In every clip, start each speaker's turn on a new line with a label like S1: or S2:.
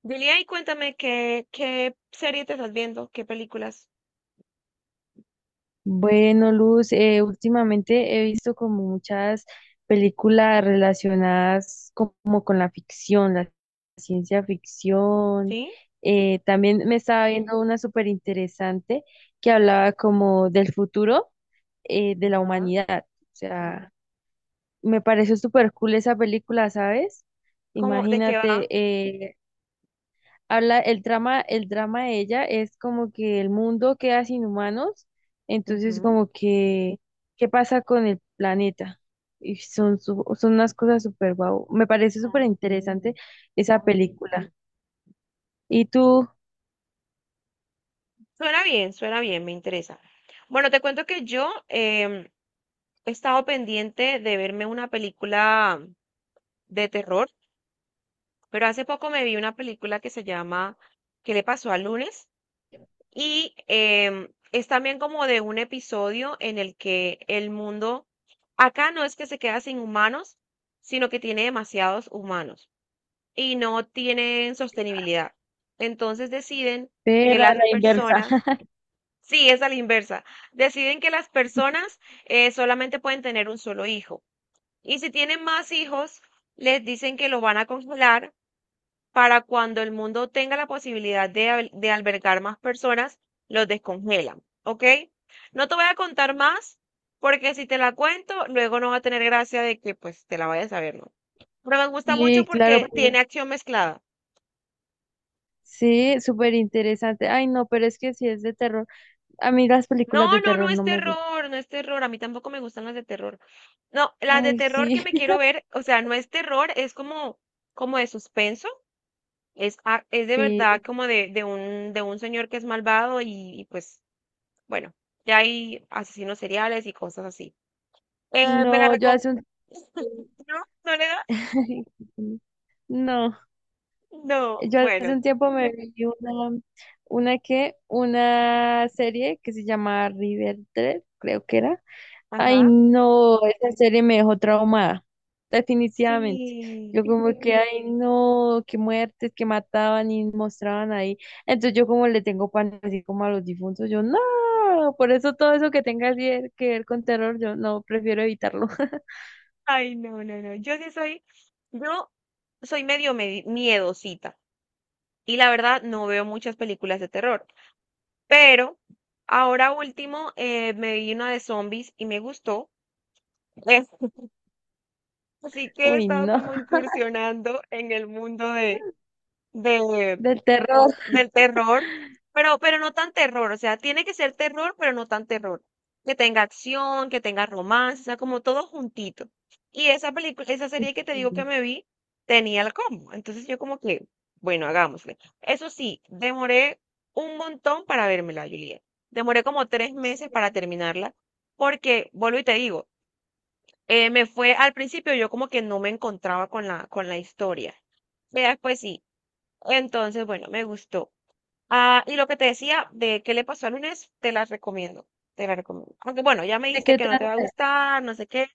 S1: Julia, y cuéntame qué serie te estás viendo, qué películas.
S2: Bueno, Luz, últimamente he visto como muchas películas relacionadas como con la ficción, la ciencia ficción.
S1: ¿Sí?
S2: También me estaba viendo una súper interesante que hablaba como del futuro de la
S1: Ajá.
S2: humanidad. O sea, me pareció súper cool esa película, ¿sabes?
S1: ¿Cómo, de qué
S2: Imagínate.
S1: va?
S2: El trama, el drama de ella es como que el mundo queda sin humanos, entonces
S1: Ujú.
S2: como que, ¿qué pasa con el planeta? Y son, son unas cosas súper guau. Me parece
S1: Ah,
S2: súper
S1: ok.
S2: interesante esa película. Y tú,
S1: Suena bien, me interesa. Bueno, te cuento que yo he estado pendiente de verme una película de terror, pero hace poco me vi una película que se llama ¿Qué le pasó al lunes? Y es también como de un episodio en el que el mundo, acá no es que se queda sin humanos, sino que tiene demasiados humanos y no tienen sostenibilidad. Entonces deciden
S2: ve,
S1: que
S2: era la
S1: las
S2: la inversa.
S1: personas, sí, es a la inversa, deciden que las personas solamente pueden tener un solo hijo. Y si tienen más hijos, les dicen que lo van a congelar para cuando el mundo tenga la posibilidad de, de albergar más personas, los descongelan, ¿ok? No te voy a contar más, porque si te la cuento, luego no va a tener gracia de que pues te la vayas a ver, ¿no? Pero me gusta mucho
S2: Sí, claro,
S1: porque
S2: pues,
S1: tiene acción mezclada.
S2: sí, súper interesante. Ay, no, pero es que si es de terror, a mí las películas
S1: No,
S2: de
S1: no, no
S2: terror
S1: es
S2: no me gustan.
S1: terror, no es terror. A mí tampoco me gustan las de terror. No, las de
S2: Ay,
S1: terror que
S2: sí,
S1: me quiero ver, o sea, no es terror, es como, como de suspenso. Es, es de
S2: sí.
S1: verdad como de un señor que es malvado y pues bueno, ya hay asesinos seriales y cosas así. ¿Me la
S2: No, yo
S1: recom...
S2: hace un...
S1: ¿No? ¿No le das?
S2: No.
S1: No,
S2: Yo hace
S1: bueno,
S2: un tiempo me vi una, una serie que se llama Riverdale, creo que era. Ay,
S1: ajá.
S2: no, esa serie me dejó traumada, definitivamente.
S1: Sí.
S2: Yo como que, ay, no, qué muertes que mataban y mostraban ahí. Entonces yo como le tengo pan así como a los difuntos, yo no, por eso todo eso que tenga que ver con terror, yo no, prefiero evitarlo.
S1: Ay, no, no, no. Yo sí soy, yo soy miedosita y la verdad no veo muchas películas de terror, pero ahora último me vi una de zombies y me gustó. Eh, así que he
S2: Uy,
S1: estado
S2: no,
S1: como incursionando en el mundo de, de,
S2: del terror.
S1: del terror, pero no tan terror, o sea, tiene que ser terror, pero no tan terror. Que tenga acción, que tenga romance, o sea, como todo juntito. Y esa película, esa serie que te digo que me vi, tenía el combo. Entonces yo como que, bueno, hagámosle. Eso sí, demoré un montón para vérmela, Juliet. Demoré como 3 meses
S2: ¿De
S1: para terminarla, porque, vuelvo y te digo, me fue al principio yo como que no me encontraba con la historia. Ya después sí. Entonces, bueno, me gustó. Ah, y lo que te decía de qué le pasó al lunes, te la recomiendo, te la recomiendo. Aunque bueno, ya me dijiste
S2: qué
S1: que no te
S2: trata?
S1: va a gustar, no sé qué.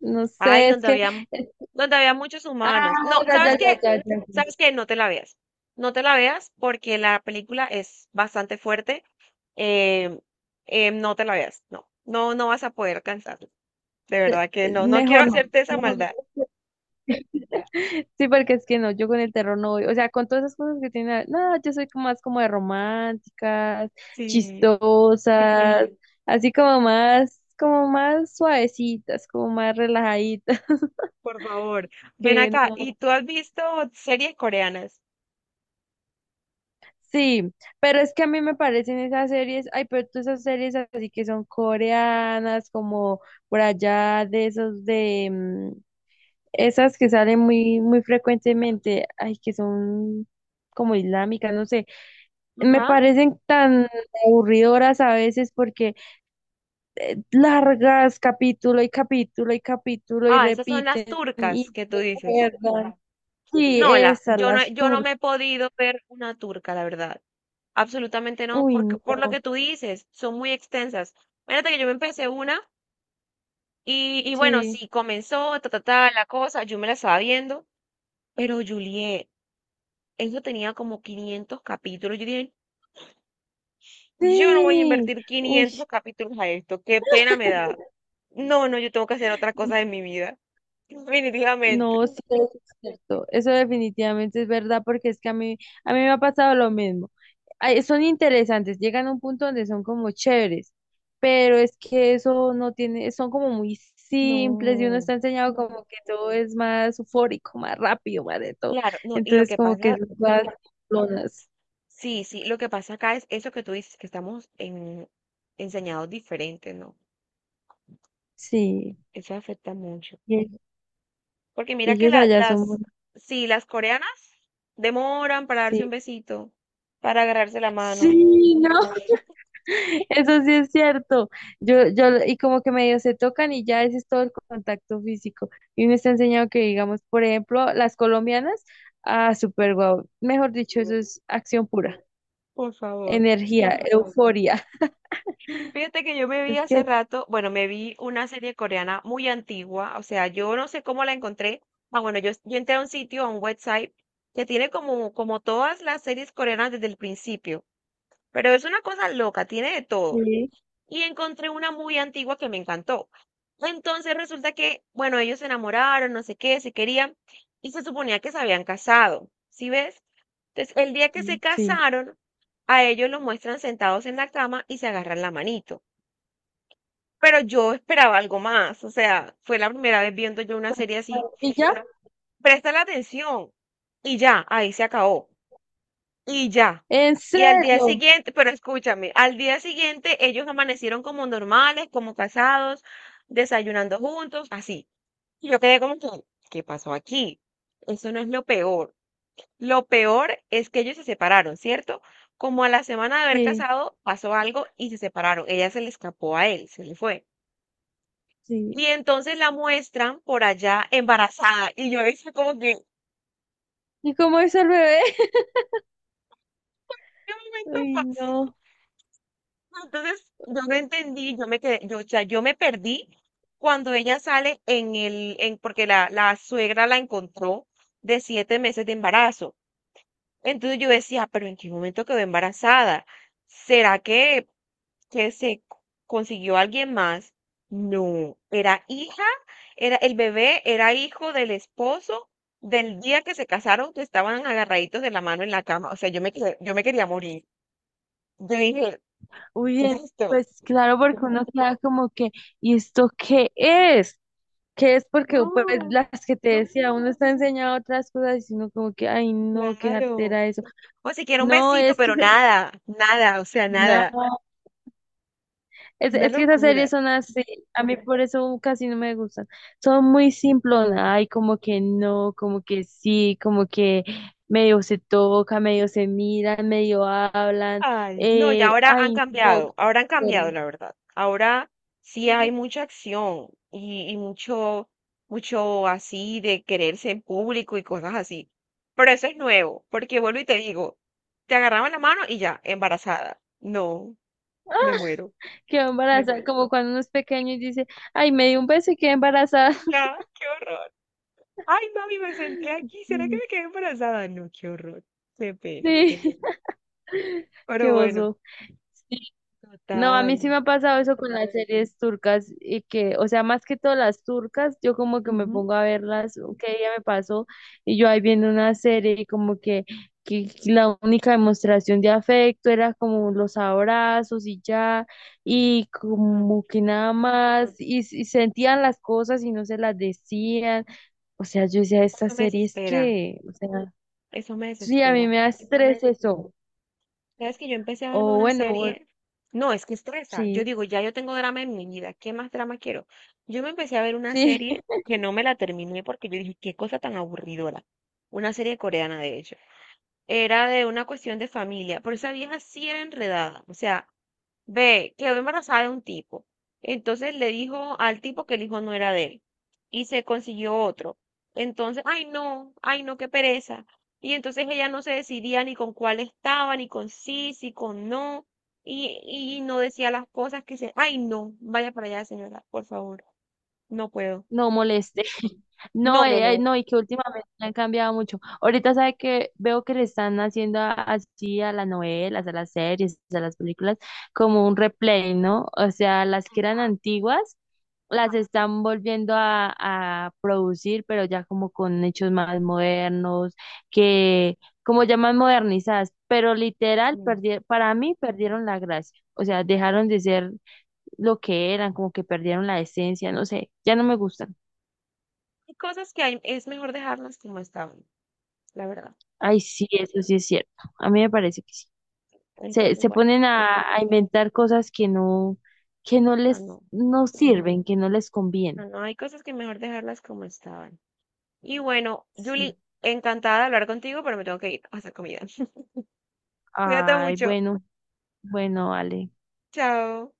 S2: No
S1: Ay,
S2: sé, es
S1: donde
S2: que.
S1: había,
S2: Eh,
S1: donde había muchos
S2: Ah,
S1: humanos. No,
S2: ya, ya,
S1: ¿sabes
S2: ya,
S1: qué?
S2: ya, ya, ya.
S1: ¿Sabes qué? No te la veas. No te la veas porque la película es bastante fuerte. em, no te la veas. No, no, no vas a poder alcanzarla. De verdad que no, no quiero
S2: Mejor no,
S1: hacerte esa
S2: mejor no.
S1: maldad.
S2: Sí, porque es que no, yo con el terror no voy. O sea, con todas esas cosas que tiene. No, yo soy como más como de románticas,
S1: Sí,
S2: chistosas, así como más suavecitas, como más relajaditas.
S1: por favor. Ven
S2: Que
S1: acá. ¿Y
S2: no.
S1: tú has visto series coreanas?
S2: Sí, pero es que a mí me parecen esas series. Ay, pero todas esas series así que son coreanas, como por allá de esos de. Mm, esas que salen muy, muy frecuentemente, ay, que son como islámicas, no sé, me
S1: Ajá.
S2: parecen tan aburridoras a veces porque largas capítulo y capítulo y capítulo y
S1: Ah, esas son las
S2: repiten
S1: turcas
S2: y
S1: que tú dices.
S2: recuerdan. Sí,
S1: No, la,
S2: esas,
S1: yo no,
S2: las
S1: yo no
S2: turcas.
S1: me he podido ver una turca, la verdad. Absolutamente no,
S2: Uy,
S1: porque
S2: no.
S1: por lo que tú dices, son muy extensas. Fíjate que yo me empecé una y bueno,
S2: Sí.
S1: sí, comenzó ta, ta, ta, la cosa, yo me la estaba viendo, pero Juliet, eso tenía como 500 capítulos. Yo dije, yo no voy a
S2: Sí.
S1: invertir 500
S2: Uy.
S1: capítulos a esto, qué pena me da. No, no, yo tengo que hacer otra cosa en mi vida, definitivamente.
S2: No, sí, eso es cierto. Eso definitivamente es verdad porque es que a mí me ha pasado lo mismo. Ay, son interesantes, llegan a un punto donde son como chéveres, pero es que eso no tiene, son como muy simples y uno
S1: No,
S2: está enseñado como que todo es más eufórico, más rápido, más de todo.
S1: claro, no, y lo
S2: Entonces
S1: que
S2: como que
S1: pasa
S2: son todas simplonas.
S1: sí, sí, lo que pasa acá es eso que tú dices, que estamos en, enseñados diferentes, ¿no?
S2: Sí,
S1: Eso afecta mucho.
S2: y,
S1: Porque
S2: y
S1: mira que
S2: ellos
S1: la-
S2: allá son muy...
S1: las, sí, las coreanas demoran para darse
S2: Sí,
S1: un besito, para agarrarse la mano.
S2: sí, no. Eso sí es cierto. Y como que medio se tocan y ya ese es todo el contacto físico. Y me está enseñando que, digamos, por ejemplo, las colombianas, ah, súper guau. Mejor dicho, eso es acción pura,
S1: Por favor.
S2: energía, euforia.
S1: Fíjate que yo me vi
S2: Es
S1: hace
S2: que
S1: rato, bueno, me vi una serie coreana muy antigua, o sea, yo no sé cómo la encontré. Ah, bueno, yo entré a un sitio, a un website, que tiene como, como todas las series coreanas desde el principio, pero es una cosa loca, tiene de todo.
S2: sí,
S1: Y encontré una muy antigua que me encantó. Entonces resulta que, bueno, ellos se enamoraron, no sé qué, se querían y se suponía que se habían casado, ¿sí ves? Entonces, el día que se
S2: sí.
S1: casaron, a ellos los muestran sentados en la cama y se agarran la manito. Pero yo esperaba algo más, o sea, fue la primera vez viendo yo una serie así.
S2: ¿Y ya?
S1: Presta la atención y ya, ahí se acabó. Y ya.
S2: ¿En
S1: Y al día
S2: serio?
S1: siguiente, pero escúchame, al día siguiente ellos amanecieron como normales, como casados, desayunando juntos, así. Y yo quedé como que, ¿qué pasó aquí? Eso no es lo peor. Lo peor es que ellos se separaron, ¿cierto? Como a la semana de haber
S2: Sí,
S1: casado, pasó algo y se separaron. Ella se le escapó a él, se le fue.
S2: sí.
S1: Y entonces la muestran por allá embarazada. Y yo decía como que,
S2: ¿Y cómo es el bebé?
S1: ¿qué momento
S2: Uy,
S1: pasó?
S2: no.
S1: Entonces, yo no entendí, yo me quedé, yo, o sea, yo me perdí cuando ella sale en el, en, porque la suegra la encontró de 7 meses de embarazo. Entonces yo decía, pero ¿en qué momento quedó embarazada? ¿Será que, que se co- consiguió alguien más? No, era hija, era, el bebé era hijo del esposo del día que se casaron, que estaban agarraditos de la mano en la cama. O sea, yo me, yo me quería morir. Yo dije,
S2: Uy,
S1: ¿qué es esto?
S2: pues claro, porque uno queda como que, ¿y esto qué es? Que es porque pues
S1: No.
S2: las que te decía, uno está enseñado otras cosas y si uno como que, ay no, qué
S1: Claro.
S2: jartera eso.
S1: O si quiere un
S2: No,
S1: besito,
S2: es que
S1: pero
S2: se-
S1: nada, nada, o sea, nada.
S2: no,
S1: Una
S2: es que esas
S1: locura.
S2: series son así, a mí por eso casi no me gustan. Son muy simplonas, ay como que no, como que sí, como que medio se toca, medio se miran, medio hablan,
S1: Ay, no, y
S2: eh, ay,
S1: ahora han cambiado, la verdad. Ahora sí hay mucha acción y mucho, mucho así de quererse en público y cosas así. Pero eso es nuevo, porque vuelvo y te digo, te agarraban la mano y ya, embarazada. No, me muero.
S2: quedó embarazada, como cuando uno es pequeño y dice, ay, me dio un beso y quedé embarazada.
S1: Ya, qué horror. Ay, mami, me senté aquí, ¿será que me quedé embarazada? No, qué horror. Qué pena.
S2: Sí, qué
S1: Pero bueno.
S2: oso. No, a
S1: Total.
S2: mí sí me ha pasado eso con las series turcas y que, o sea, más que todas las turcas, yo como que me
S1: Ujú.
S2: pongo a verlas, que ella me pasó y yo ahí viendo una serie y como que la única demostración de afecto era como los abrazos y ya, y
S1: Ajá.
S2: como que nada más, y sentían las cosas y no se las decían, o sea, yo decía, esta
S1: Eso me
S2: serie es
S1: desespera,
S2: que, o sea,
S1: eso me
S2: sí, a mí
S1: desespera.
S2: me da estrés eso,
S1: Sabes que yo empecé a verme
S2: o
S1: una
S2: bueno, o-
S1: serie, no, es que estresa. Yo
S2: sí,
S1: digo, ya yo tengo drama en mi vida, ¿qué más drama quiero? Yo me empecé a ver una
S2: sí.
S1: serie que no me la terminé porque yo dije, qué cosa tan aburridora. Una serie coreana, de hecho. Era de una cuestión de familia, pero esa vieja sí era enredada. O sea, ve, quedó embarazada de un tipo. Entonces le dijo al tipo que el hijo no era de él y se consiguió otro. Entonces, ay no, qué pereza. Y entonces ella no se decidía ni con cuál estaba, ni con sí, sí con no, y no decía las cosas que se, ay no, vaya para allá, señora, por favor, no puedo.
S2: No moleste.
S1: No,
S2: No,
S1: no, no.
S2: no, y que últimamente han cambiado mucho. Ahorita sabe que veo que le están haciendo así a las novelas, a las series, a las películas, como un replay, ¿no? O sea, las que eran antiguas, las están volviendo a producir, pero ya como con hechos más modernos, que como ya más modernizadas, pero literal,
S1: Mm.
S2: para mí perdieron la gracia. O sea, dejaron de ser lo que eran, como que perdieron la esencia, no sé, ya no me gustan.
S1: Hay cosas que hay, es mejor dejarlas como estaban, la verdad.
S2: Ay, sí, eso sí es cierto. A mí me parece que sí.
S1: Entonces,
S2: Se
S1: bueno,
S2: ponen a inventar cosas que no
S1: no,
S2: les,
S1: no,
S2: no sirven, que no les conviene.
S1: no, no, hay cosas que mejor dejarlas como estaban. Y bueno,
S2: Sí.
S1: Julie, encantada de hablar contigo, pero me tengo que ir a hacer comida. Cuídate
S2: Ay,
S1: mucho.
S2: bueno, bueno, Ale.
S1: Chao.